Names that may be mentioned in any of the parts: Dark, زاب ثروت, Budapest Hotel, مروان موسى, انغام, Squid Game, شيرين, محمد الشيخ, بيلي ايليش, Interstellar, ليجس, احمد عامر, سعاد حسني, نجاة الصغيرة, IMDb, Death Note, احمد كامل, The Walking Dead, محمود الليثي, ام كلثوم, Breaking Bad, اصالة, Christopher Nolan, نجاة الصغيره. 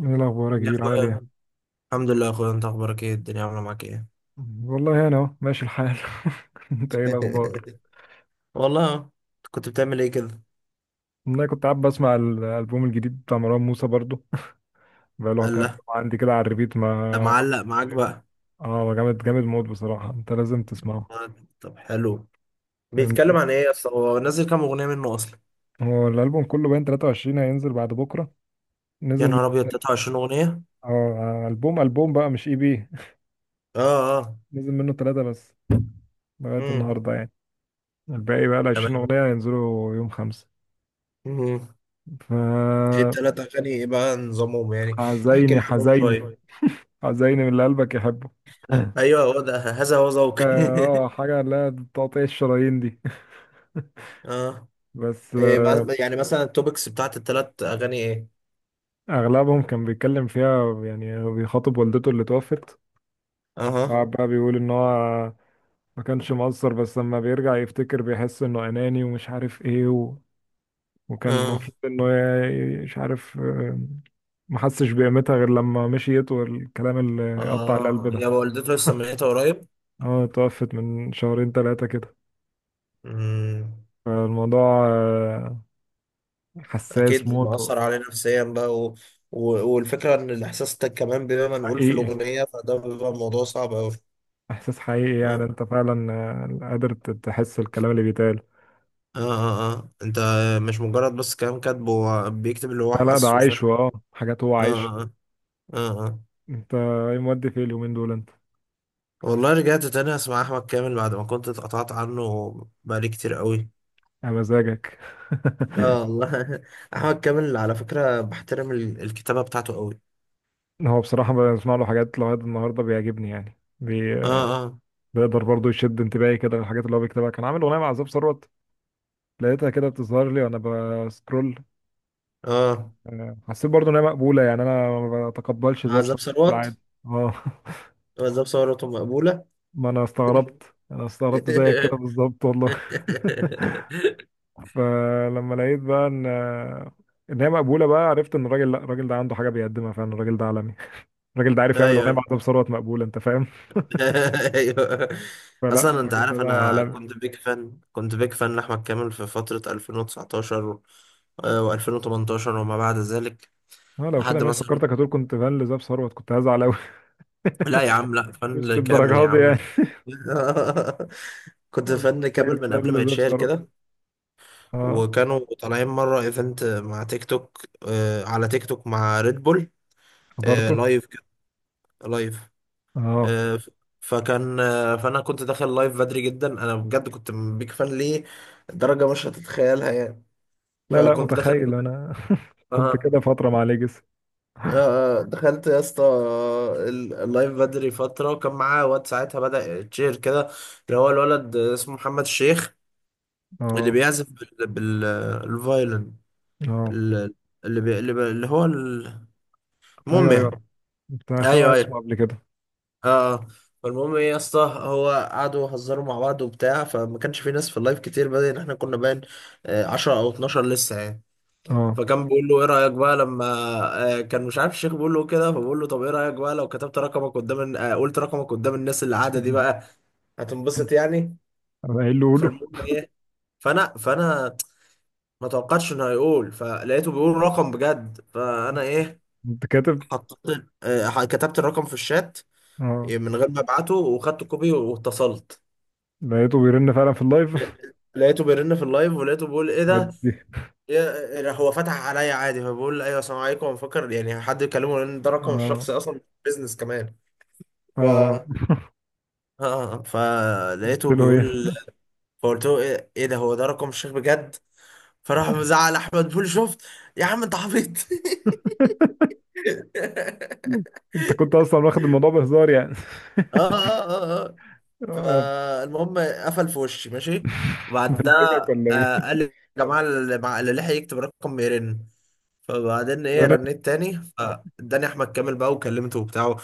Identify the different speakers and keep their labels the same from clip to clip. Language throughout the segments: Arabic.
Speaker 1: ايه الاخبار يا
Speaker 2: يا
Speaker 1: كبير عامل ايه.
Speaker 2: اخويا، الحمد لله يا اخويا. انت اخبارك ايه؟ الدنيا عامله معاك ايه؟
Speaker 1: والله انا اهو ماشي الحال. انت ايه الاخبار.
Speaker 2: والله أهو. كنت بتعمل ايه كده؟
Speaker 1: انا كنت قاعد بسمع الالبوم الجديد بتاع مروان موسى برضو بقاله
Speaker 2: قال
Speaker 1: كام
Speaker 2: لا،
Speaker 1: يوم عندي كده على الريبيت
Speaker 2: ده
Speaker 1: ما
Speaker 2: معلق
Speaker 1: مش
Speaker 2: معاك
Speaker 1: عارف.
Speaker 2: بقى.
Speaker 1: اه جامد جامد موت بصراحه، انت لازم تسمعه.
Speaker 2: آه، طب حلو. بيتكلم
Speaker 1: انت-
Speaker 2: عن ايه اصلا؟ هو نزل كام اغنيه منه اصلا؟
Speaker 1: هو الالبوم كله باين 23 هينزل بعد بكره.
Speaker 2: يا
Speaker 1: نزل من-
Speaker 2: نهار ابيض، 23 اغنيه؟
Speaker 1: اه البوم بقى مش اي بي.
Speaker 2: اه اه.
Speaker 1: نزل منه ثلاثه بس لغايه
Speaker 2: امم.
Speaker 1: النهارده يعني. الباقي بقى ال
Speaker 2: تمام.
Speaker 1: 20 اغنيه هينزلوا يوم خمسة.
Speaker 2: امم.
Speaker 1: ف
Speaker 2: ايه التلات اغاني ايه بقى نظامهم يعني؟ احكي
Speaker 1: حزيني،
Speaker 2: لي عنهم
Speaker 1: حزيني،
Speaker 2: شويه.
Speaker 1: حزيني من اللي قلبك يحبه. اه
Speaker 2: ايوه، هو ده، هذا هو ذوقي.
Speaker 1: حاجة اللي هي تقطيع الشرايين دي.
Speaker 2: اه.
Speaker 1: بس
Speaker 2: يعني مثلا التوبكس بتاعت التلات اغاني ايه؟
Speaker 1: أغلبهم كان بيتكلم فيها يعني بيخاطب والدته اللي توفت.
Speaker 2: اها.
Speaker 1: قعد بقى بيقول إن هو ما كانش مقصر، بس لما بيرجع يفتكر بيحس إنه أناني ومش عارف إيه و... وكان
Speaker 2: اه
Speaker 1: المفروض إنه مش عارف ما حسش بقيمتها غير لما مشيت، والكلام اللي يقطع القلب
Speaker 2: اه.
Speaker 1: ده.
Speaker 2: هي والدته لسه ميتة قريب؟
Speaker 1: اه، توفت من شهرين ثلاثة كده.
Speaker 2: امم.
Speaker 1: فالموضوع حساس
Speaker 2: اكيد
Speaker 1: موت.
Speaker 2: مأثر عليه نفسيا بقى و... والفكرة ان الاحساس ده كمان بيبقى منقول في
Speaker 1: حقيقي،
Speaker 2: الاغنية، فده بيبقى موضوع صعب اوي.
Speaker 1: احساس حقيقي، يعني
Speaker 2: اه
Speaker 1: انت فعلا قادر تحس الكلام اللي بيتقال.
Speaker 2: اه اه. آه. انت مش مجرد بس كلام كاتبه، هو بيكتب اللي هو
Speaker 1: لا لا، ده
Speaker 2: حاسه، فاهم؟
Speaker 1: عايشه، اه، حاجات هو عايش.
Speaker 2: اه اه اه اه.
Speaker 1: انت ايه مودي في اليومين دول انت؟
Speaker 2: والله رجعت تاني اسمع احمد كامل بعد ما كنت اتقطعت عنه، بقالي كتير قوي.
Speaker 1: يا مزاجك.
Speaker 2: اه والله. احمد كامل على فكرة بحترم الكتابة بتاعته قوي.
Speaker 1: هو بصراحة بسمع له حاجات لغاية النهاردة بيعجبني، يعني
Speaker 2: اه اه
Speaker 1: بيقدر برضه يشد انتباهي كده للحاجات اللي هو بيكتبها. كان عامل أغنية مع زاب ثروت، لقيتها كده بتظهر لي وأنا بسكرول.
Speaker 2: اه.
Speaker 1: حسيت برضه إن هي مقبولة، يعني أنا ما بتقبلش زاب
Speaker 2: عزاب
Speaker 1: ثروت في العادي.
Speaker 2: ثروت.
Speaker 1: اه.
Speaker 2: بالظبط، ثورته مقبولة.
Speaker 1: ما انا استغربت انا استغربت زيك كده بالظبط والله. فلما لقيت بقى ان هي مقبوله، بقى عرفت ان الراجل، لا، الراجل ده عنده حاجه بيقدمها فعلا. الراجل ده عالمي. الراجل ده عارف يعمل
Speaker 2: ايوه.
Speaker 1: اغنيه مع زاب ثروت مقبوله، انت فاهم.
Speaker 2: ايوه.
Speaker 1: فلا
Speaker 2: اصلا انت
Speaker 1: الراجل ده
Speaker 2: عارف
Speaker 1: ده
Speaker 2: انا
Speaker 1: عالمي.
Speaker 2: كنت بيك فان لاحمد كامل في فترة 2019 و2018 وما بعد ذلك،
Speaker 1: اه، لو كده
Speaker 2: لحد
Speaker 1: ماشي
Speaker 2: مثلا.
Speaker 1: فكرتك، هتقول كنت فان لزاب ثروت كنت هزعل قوي.
Speaker 2: لا يا عم، لا،
Speaker 1: مش
Speaker 2: فن كامل يا
Speaker 1: بالدرجه دي يعني.
Speaker 2: عم. كنت
Speaker 1: مش
Speaker 2: فن
Speaker 1: درجه
Speaker 2: كامل من
Speaker 1: فان
Speaker 2: قبل ما
Speaker 1: لزاب
Speaker 2: يتشهر
Speaker 1: ثروت.
Speaker 2: كده.
Speaker 1: اه.
Speaker 2: وكانوا طالعين مرة ايفنت مع تيك توك، على تيك توك مع ريد بول.
Speaker 1: حضرته.
Speaker 2: لايف كده. لايف.
Speaker 1: اه،
Speaker 2: آه، ف- فكان آه، فانا كنت داخل لايف بدري جدا. انا بجد كنت بيك فان ليه درجه مش هتتخيلها يعني.
Speaker 1: لا لا،
Speaker 2: فكنت داخل.
Speaker 1: متخيل انا. كنت كده
Speaker 2: اه.
Speaker 1: فتره مع ليجس.
Speaker 2: دخلت يا اسطى اللايف بدري فتره، وكان معاه واد ساعتها بدأ تشير كده، اللي هو الولد اسمه محمد الشيخ، اللي
Speaker 1: اه
Speaker 2: بيعزف الفايلن.
Speaker 1: اه.
Speaker 2: ال- اللي بي... اللي, بي... اللي هو ال-
Speaker 1: ايوه
Speaker 2: المهم
Speaker 1: ايوه،
Speaker 2: يعني.
Speaker 1: كنت سامع
Speaker 2: ايوه
Speaker 1: اسمه
Speaker 2: ايوه.
Speaker 1: قبل كده.
Speaker 2: اه. فالمهم ايه يا اسطى، هو قعدوا يهزروا مع بعض وبتاع، فما كانش في ناس في اللايف كتير، بدل احنا كنا باين 10 او 12 لسه يعني.
Speaker 1: اه.
Speaker 2: فكان بيقول له ايه رايك بقى لما كان مش عارف الشيخ بيقول له كده، فبقول له طب ايه رايك بقى لو كتبت رقمك قدام قلت رقمك قدام الناس اللي قاعده دي بقى، هتنبسط يعني.
Speaker 1: انا قايل له قوله.
Speaker 2: فالمهم ايه. فانا ما توقعتش انه هيقول، فلقيته بيقول رقم بجد. فانا ايه،
Speaker 1: انت كاتب.
Speaker 2: حطيت، كتبت الرقم في الشات
Speaker 1: اه،
Speaker 2: من غير ما ابعته، وخدت كوبي واتصلت.
Speaker 1: لقيته بيرن فعلا في اللايف.
Speaker 2: لقيته بيرن في اللايف، ولقيته بيقول ايه ده.
Speaker 1: ودي.
Speaker 2: هو فتح عليا عادي، فبقول له ايوه السلام عليكم، مفكر يعني حد يكلمه لان ده رقم
Speaker 1: اه
Speaker 2: الشخصي اصلا، بيزنس كمان. ف
Speaker 1: اه. قلت
Speaker 2: فلقيته
Speaker 1: له
Speaker 2: بيقول،
Speaker 1: ايه؟
Speaker 2: فقلت له ايه، إيه ده، هو ده رقم الشيخ بجد؟ فراح مزعل احمد بيقول شفت يا عم انت عبيط.
Speaker 1: انت كنت اصلا واخد الموضوع بهزار يعني.
Speaker 2: اه اه اه.
Speaker 1: اه.
Speaker 2: فالمهم قفل في وشي ماشي.
Speaker 1: بلجك
Speaker 2: وبعدها
Speaker 1: ولا ايه؟
Speaker 2: قال لي يا جماعة اللي لحق يكتب رقم يرن. فبعدين ايه،
Speaker 1: رن.
Speaker 2: رنيت تاني، فاداني احمد كامل بقى وكلمته وبتاع.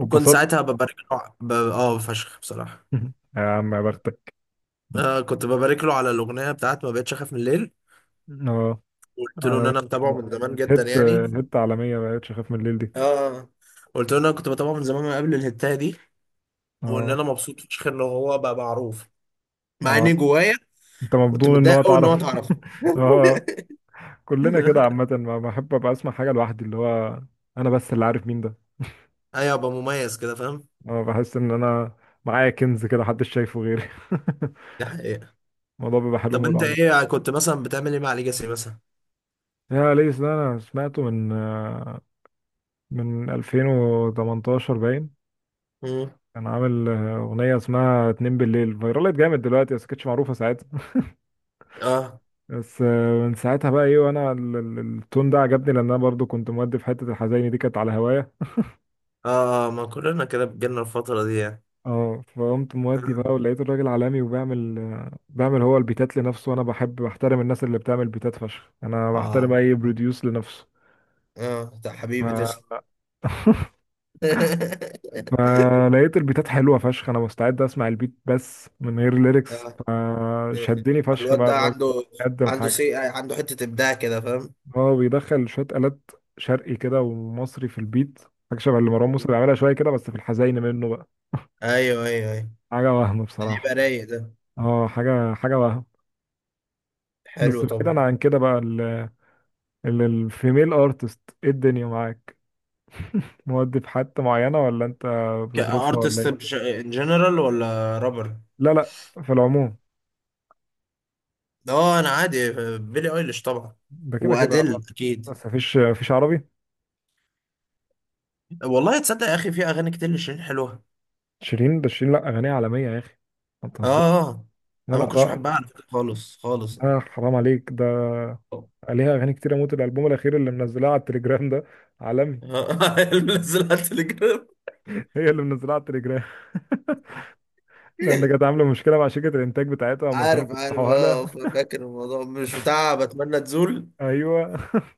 Speaker 2: وكنت ساعتها ببارك له ع- ب... اه فشخ بصراحة.
Speaker 1: يا عم يا بختك.
Speaker 2: كنت ببارك له على الاغنية بتاعت ما بقتش اخاف من الليل.
Speaker 1: اه.
Speaker 2: قلت له ان
Speaker 1: على-
Speaker 2: انا متابعه
Speaker 1: كانت،
Speaker 2: من زمان
Speaker 1: كانت
Speaker 2: جدا
Speaker 1: هيت،
Speaker 2: يعني.
Speaker 1: هيت عالمية ما بقتش اخاف من الليل دي.
Speaker 2: اه. قلت له ان انا كنت بتابعه من زمان، من قبل الهتاية دي. وان
Speaker 1: اه
Speaker 2: انا مبسوط فشخ ان هو بقى معروف، مع اني
Speaker 1: اه.
Speaker 2: جوايا
Speaker 1: انت
Speaker 2: كنت
Speaker 1: مبدون ان
Speaker 2: متضايق
Speaker 1: هو
Speaker 2: قوي ان هو
Speaker 1: تعرف.
Speaker 2: اتعرف.
Speaker 1: اه، كلنا كده عامة. ما بحب ابقى اسمع حاجة لوحدي، اللي هو انا بس اللي عارف مين ده.
Speaker 2: ايوه، ابقى مميز كده، فاهم؟
Speaker 1: اه، بحس ان انا معايا كنز كده محدش شايفه غيري.
Speaker 2: دي حقيقة.
Speaker 1: الموضوع بيبقى حلو
Speaker 2: طب
Speaker 1: موت
Speaker 2: انت
Speaker 1: عامة.
Speaker 2: ايه كنت مثلا بتعمل ايه مع ليجاسي مثلا؟
Speaker 1: يا ليس ده انا سمعته من من 2018 باين.
Speaker 2: مم.
Speaker 1: كان عامل اغنية اسمها اتنين بالليل، فايرالت جامد دلوقتي بس كانتش معروفة ساعتها.
Speaker 2: اه
Speaker 1: بس من ساعتها بقى ايه، وانا التون ده عجبني، لان انا برضو كنت مودي في حتة الحزيني دي، كانت على هوايا.
Speaker 2: اه. ما كلنا كده، بجيلنا الفترة دي يعني.
Speaker 1: اه، فقمت مودي بقى، ولقيت الراجل عالمي وبيعمل بيعمل هو البيتات لنفسه، وانا بحب بحترم الناس اللي بتعمل بيتات فشخ، انا بحترم
Speaker 2: اه
Speaker 1: اي بروديوس لنفسه.
Speaker 2: اه، ده حبيبي
Speaker 1: ما
Speaker 2: تسلم.
Speaker 1: ما لقيت البيتات حلوه فشخ، انا مستعد اسمع البيت بس من غير ليركس.
Speaker 2: آه.
Speaker 1: شدني فشخ
Speaker 2: الواد
Speaker 1: بقى
Speaker 2: ده
Speaker 1: الراجل ده،
Speaker 2: عنده
Speaker 1: قدم
Speaker 2: عنده
Speaker 1: حاجه.
Speaker 2: سي، عنده حتة إبداع كده، فاهم؟
Speaker 1: هو بيدخل شويه آلات شرقي كده ومصري في البيت، حاجه شبه اللي مروان موسى بيعملها شويه كده، بس في الحزين منه بقى.
Speaker 2: ايوه ايوه ايوه.
Speaker 1: حاجه وهم
Speaker 2: اللي
Speaker 1: بصراحه.
Speaker 2: يبقى رايق ده.
Speaker 1: اه، حاجه، حاجه وهم.
Speaker 2: حلو،
Speaker 1: بس
Speaker 2: طب.
Speaker 1: بعيدا عن كده بقى، الفيميل ارتست ايه الدنيا معاك؟ مودي في حتة معينة ولا انت بظروفها ولا
Speaker 2: كارتست،
Speaker 1: ايه؟
Speaker 2: ان جنرال ولا رابر؟
Speaker 1: لا لا، في العموم.
Speaker 2: اه انا عادي. بيلي ايليش طبعا.
Speaker 1: ده كده كده
Speaker 2: وادل اكيد.
Speaker 1: بس مفيش، مفيش عربي.
Speaker 2: والله تصدق يا اخي في اغاني كتير لشيرين حلوه.
Speaker 1: شيرين؟ ده شيرين لا، اغانيها عالميه يا اخي، ما
Speaker 2: اه.
Speaker 1: تهزرش.
Speaker 2: آه.
Speaker 1: لا
Speaker 2: انا
Speaker 1: لا،
Speaker 2: ما كنتش
Speaker 1: رائع.
Speaker 2: بحبها على فكره خالص خالص.
Speaker 1: لا حرام عليك ده،
Speaker 2: آه.
Speaker 1: عليها اغاني كتير اموت. الالبوم الاخير اللي منزلاه على التليجرام ده عالمي.
Speaker 2: نزلها على التليجرام؟
Speaker 1: هي اللي منزلاه على التليجرام. لان كانت عامله مشكله مع شركه الانتاج بتاعتها وما كانوا
Speaker 2: عارف عارف.
Speaker 1: بيفتحوها
Speaker 2: اه،
Speaker 1: لها.
Speaker 2: فاكر الموضوع، مش بتاع بتمنى تزول؟
Speaker 1: ايوه.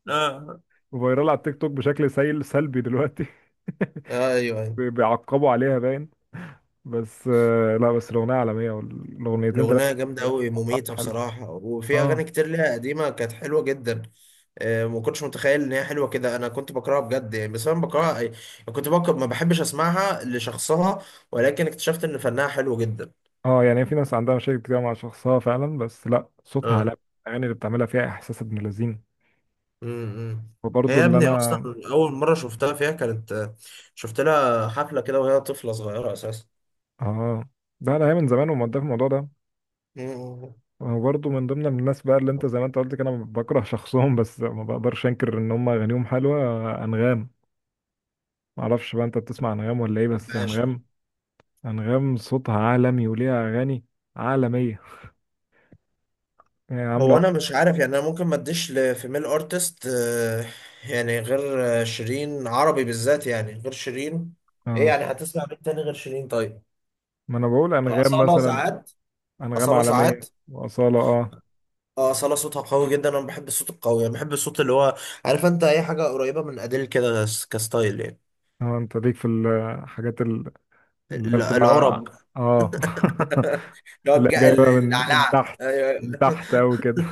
Speaker 2: آه.
Speaker 1: فايرال على التيك توك بشكل سيل سلبي دلوقتي.
Speaker 2: آه ايوه ايوه.
Speaker 1: بيعقبوا عليها باين. بس لا بس الاغنيه عالميه، والاغنيتين
Speaker 2: الاغنيه
Speaker 1: ثلاثه.
Speaker 2: جامده قوي، مميته
Speaker 1: حلو.
Speaker 2: بصراحه، وفي
Speaker 1: اه
Speaker 2: اغاني كتير ليها قديمه كانت حلوه جدا. ما كنتش متخيل ان هي حلوه كده. انا كنت بكرهها بجد يعني. بس انا بكرهها، كنت بكره، ما بحبش اسمعها لشخصها، ولكن اكتشفت ان فنها حلو جدا.
Speaker 1: اه. يعني في ناس عندها مشاكل كتير مع شخصها فعلا، بس لا، صوتها،
Speaker 2: اه.
Speaker 1: على الاغاني اللي بتعملها فيها احساس ابن لذين.
Speaker 2: امم. هي
Speaker 1: وبرضه
Speaker 2: يا
Speaker 1: اللي، اه،
Speaker 2: ابني اصلا
Speaker 1: انا،
Speaker 2: اول مره شفتها فيها كانت، شفت لها حفله كده وهي طفله صغيره اساسا.
Speaker 1: اه، ده انا هي من زمان ومقدر في الموضوع ده.
Speaker 2: امم.
Speaker 1: وبرضه من ضمن الناس بقى اللي انت زي ما انت قلت كده، انا بكره شخصهم بس ما بقدرش انكر ان هم اغانيهم حلوه. انغام. ما اعرفش بقى انت بتسمع انغام ولا ايه، بس
Speaker 2: ماشي.
Speaker 1: انغام، انغام صوتها عالمي وليها اغاني عالميه يعني
Speaker 2: هو
Speaker 1: عامله.
Speaker 2: انا مش عارف يعني، انا ممكن ما اديش لفيميل ارتست يعني غير شيرين، عربي بالذات يعني غير شيرين. ايه
Speaker 1: اه،
Speaker 2: يعني، هتسمع مين تاني غير شيرين طيب؟
Speaker 1: ما انا بقول انغام
Speaker 2: أصالة
Speaker 1: مثلا.
Speaker 2: ساعات.
Speaker 1: انغام
Speaker 2: أصالة ساعات.
Speaker 1: عالميه، واصاله، اه.
Speaker 2: اه أصالة صوتها قوي جدا. انا بحب الصوت القوي يعني، بحب الصوت اللي هو، عارف انت، اي حاجه قريبه من اديل كده، كستايل يعني.
Speaker 1: اه، انت ليك في الحاجات اللي هي بتبقى
Speaker 2: العرب،
Speaker 1: اه،
Speaker 2: اللي هو
Speaker 1: اللي هي جايبه من من
Speaker 2: العلعه،
Speaker 1: تحت،
Speaker 2: ايوه.
Speaker 1: من تحت قوي كده.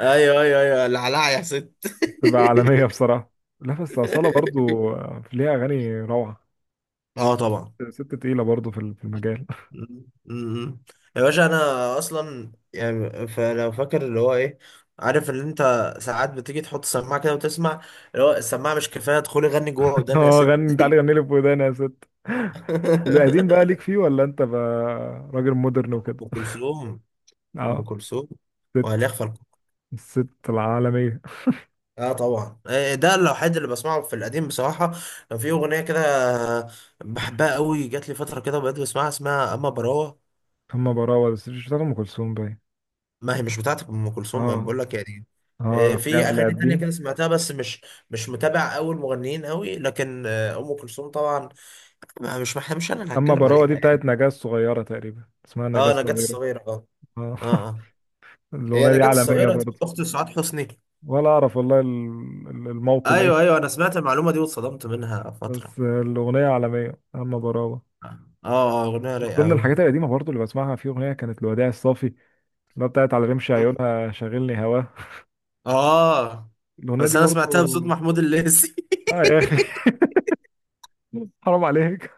Speaker 2: ايوه ايوه ايوه، العلعه يا ست.
Speaker 1: تبقى عالميه بصراحه. لا بس أصالة برضو ليها أغاني روعة.
Speaker 2: اه طبعا.
Speaker 1: ست تقيلة برضو في في المجال.
Speaker 2: م- م- يا باشا انا اصلا يعني، فلو فاكر اللي هو ايه، عارف ان انت ساعات بتيجي تحط سماعه كده وتسمع، اللي هو السماعه مش كفايه، ادخلي غني جوه ودان يا
Speaker 1: اه،
Speaker 2: ست.
Speaker 1: غني، تعالي غني لي في وداني يا ست. القديم بقى ليك فيه ولا أنت بقى راجل مودرن وكده؟
Speaker 2: ام كلثوم. ام
Speaker 1: اه.
Speaker 2: كلثوم. وهل
Speaker 1: ست.
Speaker 2: يخفى؟
Speaker 1: الست العالمية.
Speaker 2: اه طبعا. ده الوحيد اللي بسمعه في القديم بصراحه. كان في اغنيه كده، آه، بحبها قوي، جات لي فتره كده بقيت بسمعها، اسمها اما براوه.
Speaker 1: أما براوة بس مش بتاعت أم كلثوم باين.
Speaker 2: ما هي مش بتاعت ام كلثوم، ما
Speaker 1: اه
Speaker 2: بقول لك يعني.
Speaker 1: اه، حاجة
Speaker 2: في
Speaker 1: من اللي
Speaker 2: اغاني تانية كده
Speaker 1: قديم.
Speaker 2: سمعتها، بس مش مش متابع قوي المغنيين قوي، لكن ام كلثوم طبعا ما- مش ما مش انا اللي
Speaker 1: أما
Speaker 2: هتكلم
Speaker 1: براوة
Speaker 2: عليها
Speaker 1: دي
Speaker 2: يعني.
Speaker 1: بتاعت نجاة الصغيرة تقريبا، اسمها نجاة
Speaker 2: اه، نجاة
Speaker 1: الصغيرة.
Speaker 2: الصغيره، اه.
Speaker 1: آه.
Speaker 2: اه اه. هي
Speaker 1: الأغنية دي
Speaker 2: نجاة
Speaker 1: عالمية
Speaker 2: الصغيره
Speaker 1: برضه.
Speaker 2: اخت سعاد حسني.
Speaker 1: ولا أعرف والله الموطن
Speaker 2: ايوه
Speaker 1: إيه.
Speaker 2: ايوه، انا سمعت المعلومه دي واتصدمت منها فتره.
Speaker 1: بس الأغنية عالمية أما براوة.
Speaker 2: اه. اه، اغنيه
Speaker 1: من
Speaker 2: رايقه
Speaker 1: ضمن
Speaker 2: قوي.
Speaker 1: الحاجات القديمة برضه اللي بسمعها في أغنية كانت الوداع الصافي، اللي هي بتاعت على رمش عيونها شاغلني هواه.
Speaker 2: اه
Speaker 1: الأغنية
Speaker 2: بس
Speaker 1: دي
Speaker 2: انا
Speaker 1: برضه.
Speaker 2: سمعتها بصوت محمود الليثي.
Speaker 1: آه يا أخي. حرام عليك،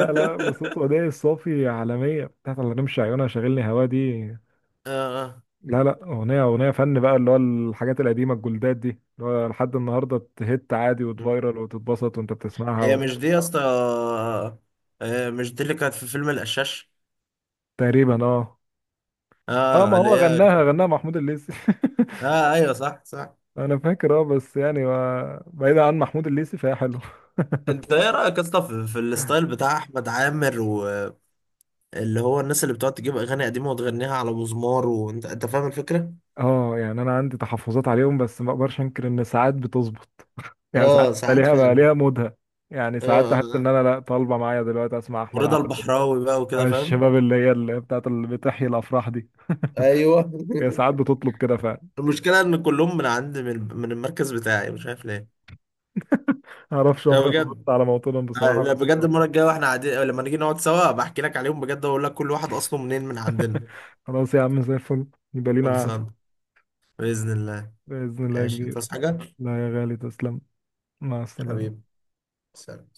Speaker 1: لا لا، بصوت وداع الصافي عالمية بتاعت على رمش عيونها شاغلني هواه دي.
Speaker 2: آه.
Speaker 1: لا لا، أغنية، أغنية فن بقى، اللي هو الحاجات القديمة الجولدات دي، اللي هو لحد النهاردة تهت عادي وتفايرل وتتبسط وأنت بتسمعها
Speaker 2: هي
Speaker 1: و...
Speaker 2: مش دي يا اسطى، مش دي اللي كانت في فيلم القشاش؟
Speaker 1: تقريبا اه. اه، ما
Speaker 2: اه اللي
Speaker 1: هو
Speaker 2: هي.
Speaker 1: غناها، غناها محمود الليثي.
Speaker 2: اه ايوه صح صح.
Speaker 1: انا فاكر، اه، بس يعني بعيدا عن محمود الليثي فهي حلو.
Speaker 2: انت ايه رايك يا اسطى في الستايل بتاع احمد عامر، واللي هو الناس اللي بتقعد تجيب اغاني قديمه وتغنيها على مزمار، وانت فاهم الفكره.
Speaker 1: اه، يعني انا عندي تحفظات عليهم بس ما اقدرش انكر ان ساعات بتظبط. يعني ساعات
Speaker 2: اه
Speaker 1: بقى
Speaker 2: ساعات
Speaker 1: ليها بقى
Speaker 2: فعلا.
Speaker 1: ليها مودها. يعني
Speaker 2: اه
Speaker 1: ساعات
Speaker 2: اه
Speaker 1: احس ان
Speaker 2: آه.
Speaker 1: انا لا طالبه معايا دلوقتي اسمع احمد
Speaker 2: ورضا
Speaker 1: عامر.
Speaker 2: البحراوي بقى وكده،
Speaker 1: أنا
Speaker 2: فاهم؟
Speaker 1: الشباب اللي هي اللي بتاعت اللي بتحيي الافراح دي،
Speaker 2: ايوه.
Speaker 1: هي ساعات بتطلب كده فعلا.
Speaker 2: المشكلة إن كلهم من عند من المركز بتاعي، مش عارف ليه.
Speaker 1: معرفش،
Speaker 2: لا
Speaker 1: عمري ما
Speaker 2: بجد،
Speaker 1: ظبطت على موطنهم بصراحه
Speaker 2: لا
Speaker 1: بس.
Speaker 2: بجد، المرة الجاية واحنا قاعدين لما نيجي نقعد سوا بحكي لك عليهم بجد، وأقول لك كل واحد أصله منين من عندنا.
Speaker 1: خلاص يا عم زي الفل، يبقى لينا قعده.
Speaker 2: خلصان، بإذن الله.
Speaker 1: باذن الله يا
Speaker 2: ماشي،
Speaker 1: كبير.
Speaker 2: تصحى حاجة؟
Speaker 1: لا يا غالي تسلم، مع
Speaker 2: حبيبي،
Speaker 1: السلامه.
Speaker 2: سلام.